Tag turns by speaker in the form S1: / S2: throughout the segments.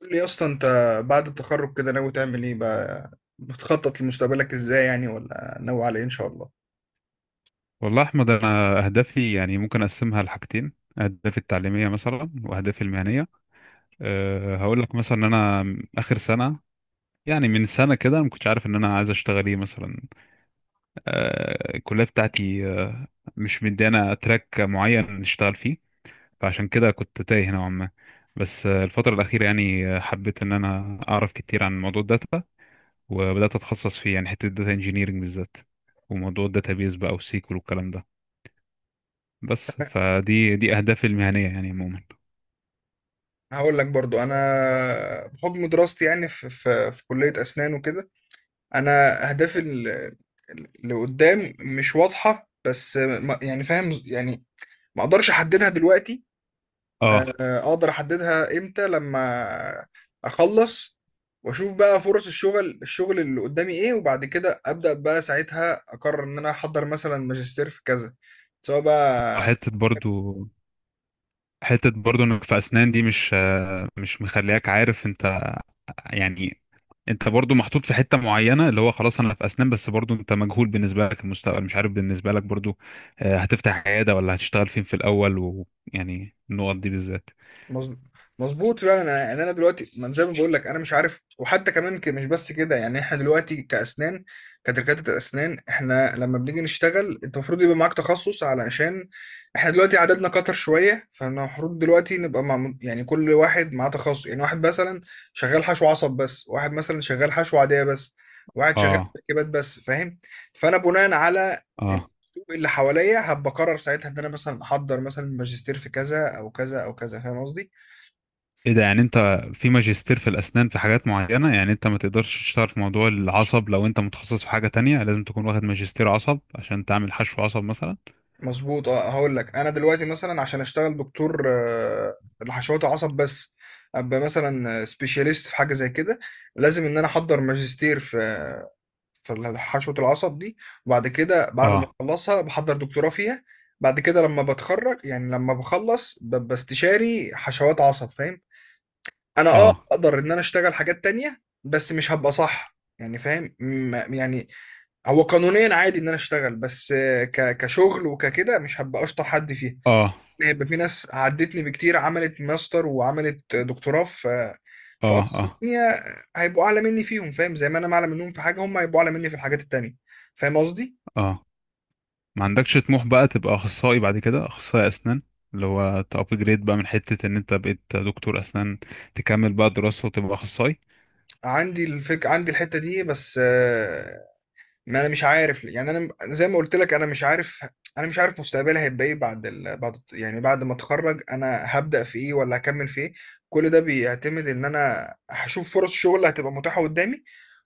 S1: قول لي يا اسطى، انت بعد التخرج كده ناوي تعمل ايه بقى؟ بتخطط لمستقبلك ازاي يعني، ولا ناوي على ايه ان شاء الله؟
S2: والله احمد، انا اهدافي يعني ممكن اقسمها لحاجتين: اهدافي التعليميه مثلا واهدافي المهنيه. هقول لك مثلا ان انا اخر سنه، يعني من سنه كده انا ما كنتش عارف ان انا عايز اشتغل ايه مثلا. الكليه بتاعتي مش مديانا تراك معين نشتغل فيه، فعشان كده كنت تايه نوعا ما. بس الفتره الاخيره يعني حبيت ان انا اعرف كتير عن موضوع الداتا، وبدات اتخصص فيه يعني حته الداتا انجينيرنج بالذات، وموضوع الداتابيز بقى وسيكول والكلام ده. بس دي اهدافي المهنيه يعني عموما.
S1: هقول لك برضو، انا بحكم دراستي يعني في كلية اسنان وكده، انا اهدافي اللي قدام مش واضحة، بس يعني فاهم يعني، ما اقدرش احددها دلوقتي.
S2: اه،
S1: آه، اقدر احددها امتى؟ لما اخلص واشوف بقى فرص الشغل اللي قدامي ايه، وبعد كده ابدا بقى ساعتها اقرر ان انا احضر مثلا ماجستير في كذا، سواء بقى في...
S2: حته برضو، حته برضو انك في اسنان دي مش مش مخلياك عارف. انت يعني انت برضو محطوط في حته معينه، اللي هو خلاص انا في اسنان، بس برضو انت مجهول بالنسبه لك المستقبل، مش عارف بالنسبه لك برضو هتفتح عياده ولا هتشتغل فين في الاول، ويعني النقط دي بالذات.
S1: مظ- مظبوط فعلا. يعني انا، يعني أنا دلوقتي، ما أنا زي ما بقول لك انا مش عارف. وحتى كمان مش بس كده. يعني احنا دلوقتي كاسنان، كدكاتره الاسنان، احنا لما بنيجي نشتغل انت المفروض يبقى معاك تخصص، علشان احنا دلوقتي عددنا كتر شويه، فاحنا المفروض دلوقتي نبقى مع يعني كل واحد معاه تخصص. يعني واحد مثلا شغال حشو عصب بس، واحد مثلا شغال حشو عاديه بس، واحد شغال
S2: اه،
S1: تركيبات بس، فاهم؟ فانا بناء على
S2: اه.
S1: السوق اللي حواليا هبقرر ساعتها ان انا مثلا احضر مثلا ماجستير في كذا او كذا او كذا، فاهم قصدي؟
S2: ايه ده، يعني انت في ماجستير في الاسنان في حاجات معينة، يعني انت ما تقدرش تشتغل في موضوع العصب لو انت متخصص في حاجة تانية؟ لازم تكون واخد ماجستير عصب عشان تعمل حشو عصب مثلا.
S1: مظبوط اه. هقول لك، انا دلوقتي مثلا عشان اشتغل دكتور لحشوات عصب بس، ابقى مثلا سبيشاليست في حاجه زي كده، لازم ان انا احضر ماجستير في حشوه العصب دي، وبعد كده بعد ما
S2: اه،
S1: اخلصها بحضر دكتوراه فيها. بعد كده لما بتخرج، يعني لما بخلص، ببقى استشاري حشوات عصب، فاهم؟ انا
S2: اه،
S1: اقدر ان انا اشتغل حاجات تانية بس مش هبقى صح، يعني فاهم، يعني هو قانونيا عادي ان انا اشتغل، بس كشغل وككده مش هبقى اشطر حد فيها،
S2: اه،
S1: لأن هيبقى في ناس عدتني بكتير عملت ماستر وعملت دكتوراه في
S2: اه،
S1: اقسام
S2: اه،
S1: تانية، هيبقوا اعلى مني فيهم، فاهم؟ زي ما انا اعلى منهم في حاجه، هم هيبقوا اعلى مني في الحاجات التانية، فاهم قصدي؟
S2: اه. ما عندكش طموح بقى تبقى اخصائي بعد كده، اخصائي اسنان، اللي هو تابجريد بقى من حتة ان انت بقيت دكتور اسنان تكمل بقى دراسة وتبقى اخصائي؟
S1: عندي الحته دي بس، ما انا مش عارف ليه. يعني أنا زي ما قلت لك، انا مش عارف. انا مش عارف مستقبلي هيبقى ايه بعد ال... بعد يعني بعد ما اتخرج، انا هبدأ في ايه ولا هكمل في ايه. كل ده بيعتمد ان انا هشوف فرص شغل هتبقى متاحة قدامي،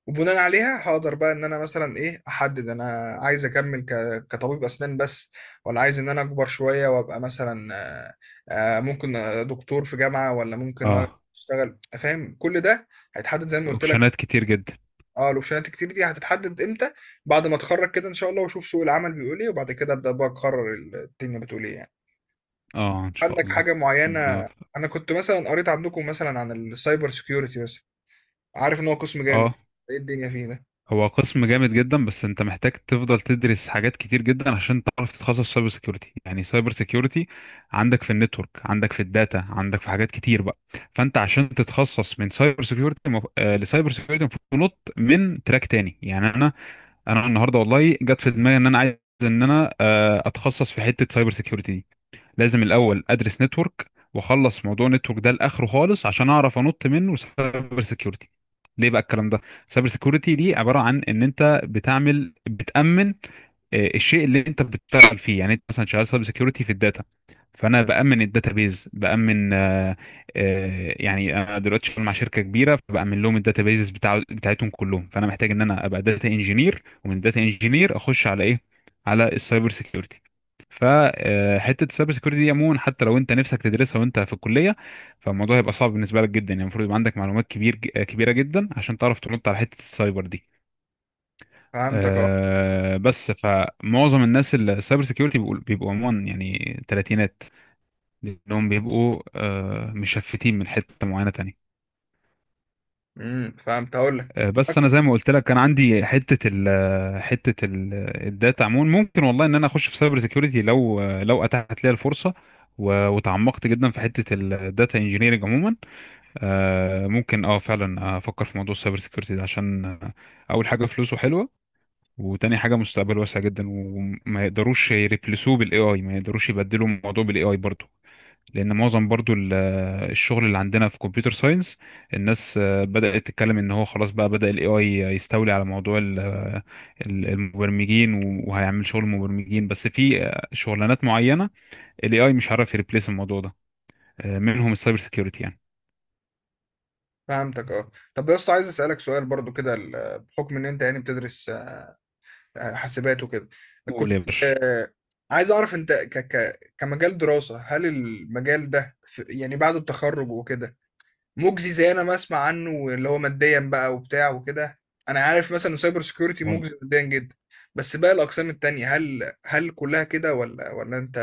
S1: وبناء عليها هقدر بقى ان انا مثلا ايه، احدد انا عايز اكمل كطبيب اسنان بس، ولا عايز ان انا اكبر شوية وابقى مثلا ممكن دكتور في جامعة، ولا ممكن
S2: اه.
S1: اشتغل، فاهم؟ كل ده هيتحدد زي ما قلت لك.
S2: اوبشنات كتير جدا.
S1: اه، الاوبشنات كتير دي هتتحدد امتى؟ بعد ما اتخرج كده ان شاء الله، واشوف سوق العمل بيقول ايه، وبعد كده ابدا بقى اقرر الدنيا بتقول ايه يعني.
S2: اه، ان شاء
S1: عندك
S2: الله
S1: حاجه معينه؟
S2: ربنا يوفقك.
S1: انا كنت مثلا قريت عندكم مثلا عن السايبر سيكيورتي مثلا، عارف ان هو قسم جامد.
S2: اه.
S1: ايه الدنيا فيه ده؟
S2: هو قسم جامد جدا، بس انت محتاج تفضل تدرس حاجات كتير جدا عشان تعرف تتخصص في سايبر سيكيورتي. يعني سايبر سيكيورتي عندك في النتورك، عندك في الداتا، عندك في حاجات كتير بقى. فانت عشان تتخصص من سايبر سيكيورتي، مف... آه، لسايبر سيكيورتي، المفروض تنط من تراك تاني. يعني انا النهارده والله جت في دماغي ان انا عايز ان انا اتخصص في حتة سايبر سيكيورتي دي. لازم الاول ادرس نتورك واخلص موضوع النتورك ده لاخره خالص عشان اعرف انط منه سايبر سيكيورتي. ليه بقى الكلام ده؟ سايبر سيكيورتي دي عباره عن ان انت بتعمل بتامن الشيء اللي انت بتشتغل فيه. يعني انت مثلا شغال سايبر سيكيورتي في الداتا، فانا بامن الداتابيز، بامن آه، آه، يعني انا دلوقتي شغال مع شركه كبيره فبامن لهم الداتابيز بتاعتهم كلهم. فانا محتاج ان انا ابقى داتا انجينير، ومن داتا انجينير اخش على ايه؟ على السايبر سيكيورتي. فحته السايبر سيكيورتي دي عموما، حتى لو انت نفسك تدرسها وانت في الكليه، فالموضوع هيبقى صعب بالنسبه لك جدا. يعني المفروض يبقى عندك معلومات كبيره جدا عشان تعرف ترد على حته السايبر دي.
S1: فهمتك اه.
S2: بس فمعظم الناس اللي السايبر سيكيورتي بيبقوا عموما يعني تلاتينات، لانهم بيبقوا مشفتين من حته معينه تانية.
S1: فهمت، هقول لك.
S2: بس انا زي ما قلت لك، كان عندي حته ال الداتا عموما. ممكن والله ان انا اخش في سايبر سيكيورتي لو اتاحت لي الفرصه، وتعمقت جدا في حته الداتا انجينيرنج عموما. ممكن اه فعلا افكر في موضوع السايبر سيكيورتي ده عشان اول حاجه فلوسه حلوه، وتاني حاجه مستقبل واسع جدا، وما يقدروش يريبلسوه بالاي اي ما يقدروش يبدلوا الموضوع بالاي اي برضه. لان معظم برضو الشغل اللي عندنا في كمبيوتر ساينس، الناس بدأت تتكلم ان هو خلاص بقى بدأ الاي اي يستولي على موضوع المبرمجين، وهيعمل شغل المبرمجين، بس في شغلانات معينة الاي اي مش عارف يريبليس الموضوع ده، منهم السايبر سيكيورتي يعني.
S1: فهمتك اه. طب يا اسطى، عايز اسالك سؤال برضو كده، بحكم ان انت يعني بتدرس حاسبات وكده،
S2: قول
S1: كنت
S2: يا باشا.
S1: عايز اعرف، انت ك ك كمجال دراسه، هل المجال ده يعني بعد التخرج وكده مجزي زي انا ما اسمع عنه، اللي هو ماديا بقى وبتاع وكده؟ انا عارف مثلا إن سايبر سيكيورتي
S2: وال-
S1: مجزي ماديا جدا، بس باقي الاقسام التانية، هل كلها كده ولا انت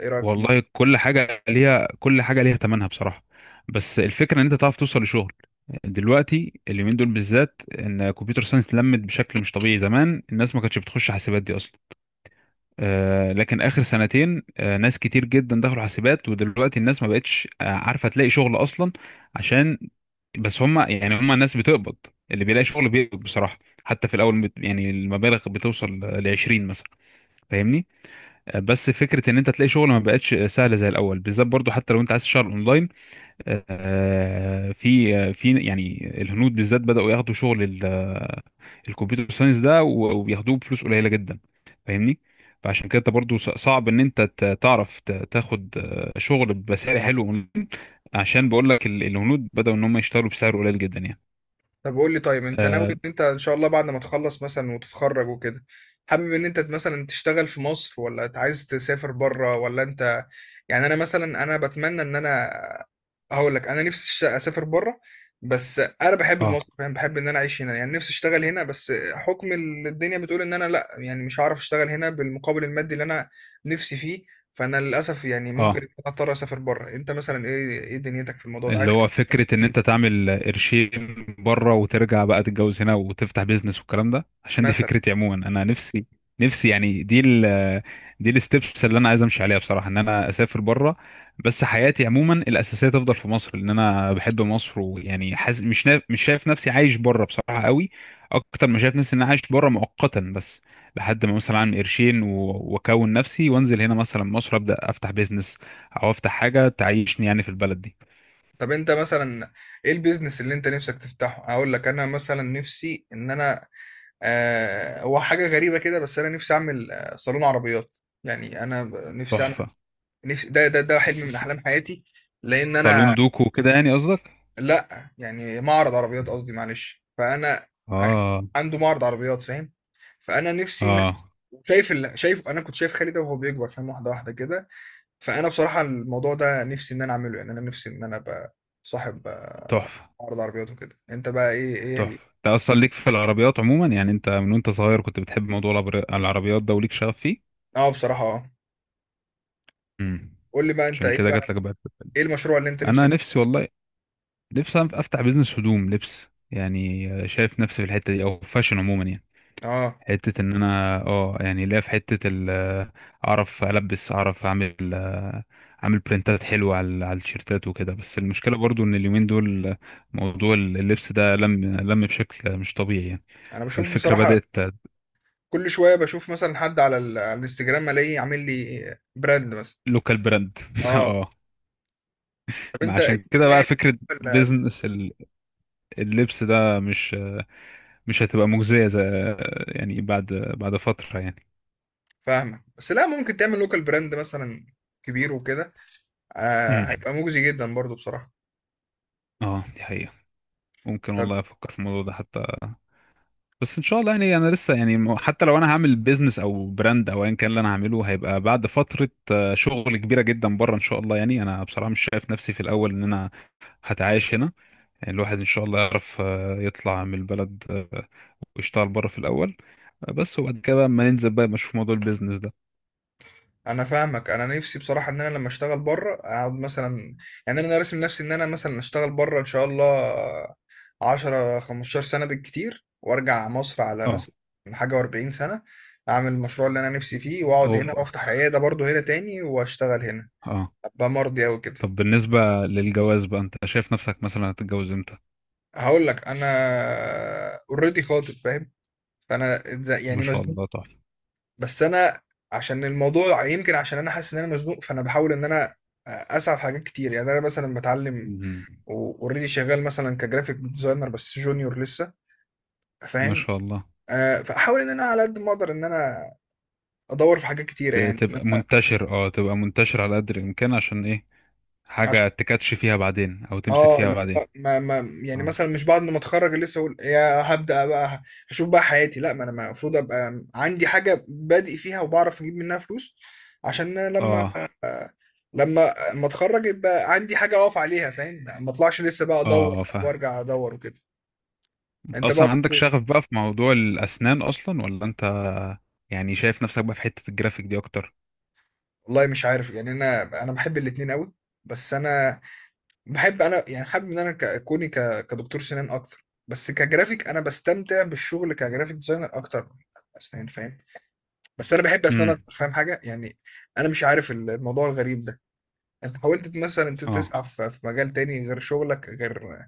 S1: ايه رايك في الموضوع؟
S2: والله كل حاجة ليها، كل حاجة ليها ثمنها بصراحة. بس الفكرة ان انت تعرف توصل لشغل. دلوقتي اليومين دول بالذات، ان كمبيوتر ساينس لمت بشكل مش طبيعي. زمان الناس ما كانتش بتخش حاسبات دي اصلا، لكن اخر سنتين ناس كتير جدا دخلوا حاسبات، ودلوقتي الناس ما بقتش عارفه تلاقي شغل اصلا. عشان بس هم، يعني هم الناس بتقبض، اللي بيلاقي شغل بيقبض بصراحه. حتى في الاول يعني المبالغ بتوصل ل 20 مثلا. فاهمني. بس فكره ان انت تلاقي شغل ما بقتش سهله زي الاول بالذات، برضو حتى لو انت عايز تشتغل اونلاين، في يعني الهنود بالذات بدأوا ياخدوا شغل الكمبيوتر ساينس ده، وبياخدوه بفلوس قليلة جدا. فاهمني. فعشان كده انت برضو صعب ان انت تعرف تاخد شغل بسعر حلو، عشان بقول لك الهنود بدأوا ان هم يشتغلوا بسعر قليل جدا يعني.
S1: طب قول لي، طيب انت ناوي
S2: اه،
S1: ان انت ان شاء الله بعد ما تخلص مثلا وتتخرج وكده، حابب ان انت مثلا تشتغل في مصر، ولا انت عايز تسافر بره، ولا انت... يعني انا مثلا، انا بتمنى ان انا، هقول لك، انا نفسي اسافر بره، بس انا بحب
S2: اه،
S1: مصر، فاهم؟ بحب ان انا اعيش هنا، يعني نفسي اشتغل هنا، بس حكم الدنيا بتقول ان انا لا، يعني مش هعرف اشتغل هنا بالمقابل المادي اللي انا نفسي فيه. فانا للاسف يعني
S2: آه.
S1: ممكن اضطر اسافر بره. انت مثلا، ايه دنيتك في الموضوع ده؟
S2: اللي
S1: عايز
S2: هو فكرة ان انت تعمل قرشين بره وترجع بقى تتجوز هنا وتفتح بيزنس والكلام ده، عشان دي
S1: مثلا...
S2: فكرتي عموما. انا نفسي يعني، دي دي الستبس اللي انا عايز امشي عليها بصراحة، ان انا اسافر بره. بس حياتي عموما الاساسية تفضل في مصر، لان انا بحب مصر، ويعني حاسس مش مش شايف نفسي عايش بره بصراحة قوي. اكتر ما شايف نفسي ان انا عايش بره مؤقتا بس، لحد ما مثلا اعمل قرشين واكون نفسي، وانزل هنا مثلا مصر ابدا افتح بيزنس، او افتح حاجة تعيشني يعني في البلد دي.
S1: طب انت مثلا ايه البيزنس اللي انت نفسك تفتحه؟ هقول لك انا مثلا نفسي ان انا، هو حاجه غريبه كده بس انا نفسي اعمل صالون عربيات. يعني انا
S2: تحفة.
S1: نفسي ده حلم
S2: س-
S1: من
S2: س-
S1: احلام حياتي، لان
S2: صالون
S1: انا...
S2: دوكو كده يعني قصدك؟
S1: لا، يعني معرض عربيات قصدي، معلش. فانا ع-
S2: اه.
S1: عنده معرض عربيات، فاهم؟ فانا نفسي ان...
S2: اه.
S1: شايف ال... شايف انا كنت شايف خالد ده وهو بيكبر، فاهم؟ واحده واحده كده. فأنا بصراحة الموضوع ده نِفْسي إن أنا أعمله، يعني أنا نِفْسي إن أنا أبقى صاحب
S2: تحفة.
S1: عَرْض عربيات وكده. أنت بقى إيه
S2: تحفة. انت اصلا ليك في العربيات عموما، يعني انت من وانت صغير كنت بتحب موضوع العربيات ده، وليك شغف فيه.
S1: آه، بصراحة، آه.
S2: امم
S1: قُل لي بقى أنت
S2: عشان
S1: إيه
S2: كده جات
S1: بقى،
S2: لك بقى.
S1: إيه المشروع اللي أنت
S2: انا
S1: نِفْسك...
S2: نفسي والله، نفسي أنا افتح بيزنس هدوم لبس. يعني شايف نفسي في الحتة دي او فاشن عموما يعني.
S1: آه.
S2: حتة ان انا اه يعني ليا في حتة ال اعرف البس، اعرف اعمل، اعمل برنتات حلوة على التيشيرتات وكده. بس المشكلة برضو ان اليومين دول موضوع اللبس ده لم بشكل مش طبيعي يعني.
S1: أنا باشوف
S2: فالفكرة
S1: بصراحة
S2: بدأت
S1: كل شوية، باشوف مثلًا حد على على الإنستجرام ألاقيه عامل لي brand مثلًا.
S2: لوكال براند
S1: آه.
S2: اه.
S1: طب
S2: ما
S1: أنت
S2: عشان كده
S1: اشمعنى
S2: بقى
S1: يعني
S2: فكرة
S1: ال ال
S2: بيزنس اللبس ده مش مش هتبقى مجزية زي، يعني بعد فترة يعني.
S1: فاهمك. بس لأ، ممكن تعمل local brand مثلًا كبير وكده،
S2: امم.
S1: هيبقى مُجزي جدًا برضه بصراحة.
S2: اه دي حقيقة. ممكن
S1: طب
S2: والله افكر في الموضوع ده حتى. بس ان شاء الله يعني انا لسه يعني حتى لو انا هعمل بيزنس او براند او ايا كان، اللي انا هعمله هيبقى بعد فتره. شغل كبيره جدا بره ان شاء الله. يعني انا بصراحه مش شايف نفسي في الاول ان انا هتعايش هنا. يعني الواحد ان شاء الله يعرف يطلع من البلد ويشتغل بره في الاول، بس وبعد كده بقى ما ننزل بقى نشوف موضوع البيزنس ده.
S1: انا فاهمك، انا نفسي بصراحه ان انا لما اشتغل بره اقعد مثلا، يعني انا راسم نفسي ان انا مثلا اشتغل بره ان شاء الله 10 15 سنه بالكتير، وارجع مصر على
S2: اه.
S1: مثلا حاجه و40 سنه، اعمل المشروع اللي انا نفسي فيه، واقعد هنا
S2: اوبا.
S1: وافتح عياده برضه هنا تاني، واشتغل هنا،
S2: اه.
S1: ابقى مرضي اوي كده.
S2: طب بالنسبه للجواز بقى، انت شايف نفسك مثلا هتتجوز امتى؟
S1: هقول لك انا اوريدي خاطب، فاهم؟ فانا
S2: ما
S1: يعني
S2: شاء
S1: مزنوق،
S2: الله تحفه.
S1: بس انا عشان الموضوع يمكن، عشان انا حاسس ان انا مزنوق، فانا بحاول ان انا اسعى في حاجات كتير. يعني انا مثلا بتعلم،
S2: مم.
S1: واوريدي شغال مثلا كجرافيك ديزاينر بس جونيور لسه،
S2: ما
S1: فاهم؟
S2: شاء الله.
S1: فاحاول ان انا على قد ما اقدر ان انا ادور في حاجات كتيره، يعني
S2: تبقى منتشر، اه، تبقى منتشر على قدر الامكان. عشان ايه؟
S1: عشان
S2: حاجه تكاتش فيها بعدين او تمسك
S1: اه
S2: فيها
S1: اللي هو
S2: بعدين.
S1: ما يعني،
S2: اه،
S1: مثلا مش بعد ما اتخرج لسه اقول يا هبدا بقى هشوف بقى حياتي، لا، ما انا المفروض ابقى عندي حاجه بادئ فيها وبعرف اجيب منها فلوس، عشان لما
S2: اه،
S1: لما ما اتخرج يبقى عندي حاجه اقف عليها، فاهم؟ ما اطلعش لسه بقى ادور
S2: اه. فاهم.
S1: وارجع ادور وكده. انت بقى؟
S2: اصلا عندك شغف بقى في موضوع الاسنان اصلا، ولا انت يعني شايف نفسك بقى في حته الجرافيك دي اكتر؟
S1: والله مش عارف، يعني أنا باحب الاتنين أوي، بس أنا باحب، أنا يعني حابب إن أنا ك كوني ك كدكتور سنان أكتر، بس كGraphic أنا باستمتع بالشغل كGraphic Designer أكتر من أسنان، فاهم؟ بس أنا باحب أسنان
S2: امم
S1: أكتر، فاهم حاجة؟ يعني أنا مش عارف الموضوع الغريب ده. أنت حاولت مثلًا أنت
S2: اه
S1: تسعى في مجال تاني غير شغلك، غير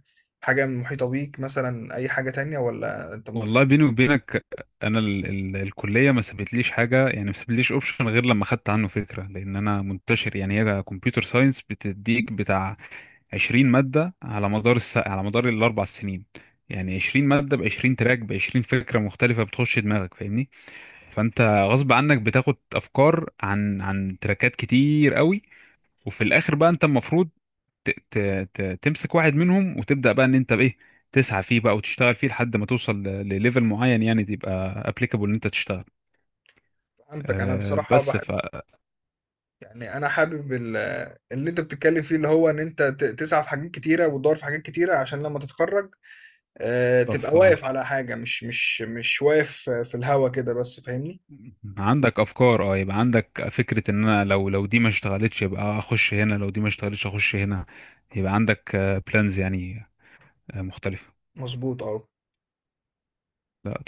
S1: حاجة محيطة بيك، مثلًا أي حاجة تانية، والّا أنت مكت...
S2: والله بيني وبينك، انا ال الكليه ما سابتليش حاجه، يعني ما سابتليش اوبشن غير لما خدت عنه فكره، لان انا منتشر. يعني هي كمبيوتر ساينس بتديك بتاع 20 مادة على مدار على مدار الأربع سنين. يعني 20 مادة ب 20 تراك ب 20 فكرة مختلفة بتخش دماغك. فاهمني؟ فأنت غصب عنك بتاخد أفكار عن تراكات كتير قوي. وفي الآخر بقى أنت المفروض ت... ت... تمسك واحد منهم وتبدأ بقى إن أنت بإيه تسعى فيه بقى، وتشتغل فيه لحد ما توصل لليفل معين، يعني تبقى applicable إن أنت تشتغل.
S1: فهمتك، أنا بصراحة
S2: بس
S1: باحب، يعني انا حابب اللي انت بتتكلم فيه، اللي هو ان انت تسعى في حاجات كتيره وتدور في حاجات كتيره، عشان لما تتخرج تبقى
S2: ف...
S1: واقف على حاجه، مش واقف في الهوا كده بس، فاهمني؟
S2: عندك افكار، اه، يبقى عندك فكره ان انا لو دي ما اشتغلتش يبقى اخش هنا، لو دي ما اشتغلتش اخش هنا. يبقى عندك بلانز يعني مختلفه.
S1: مظبوط اه.
S2: لا، تحفه.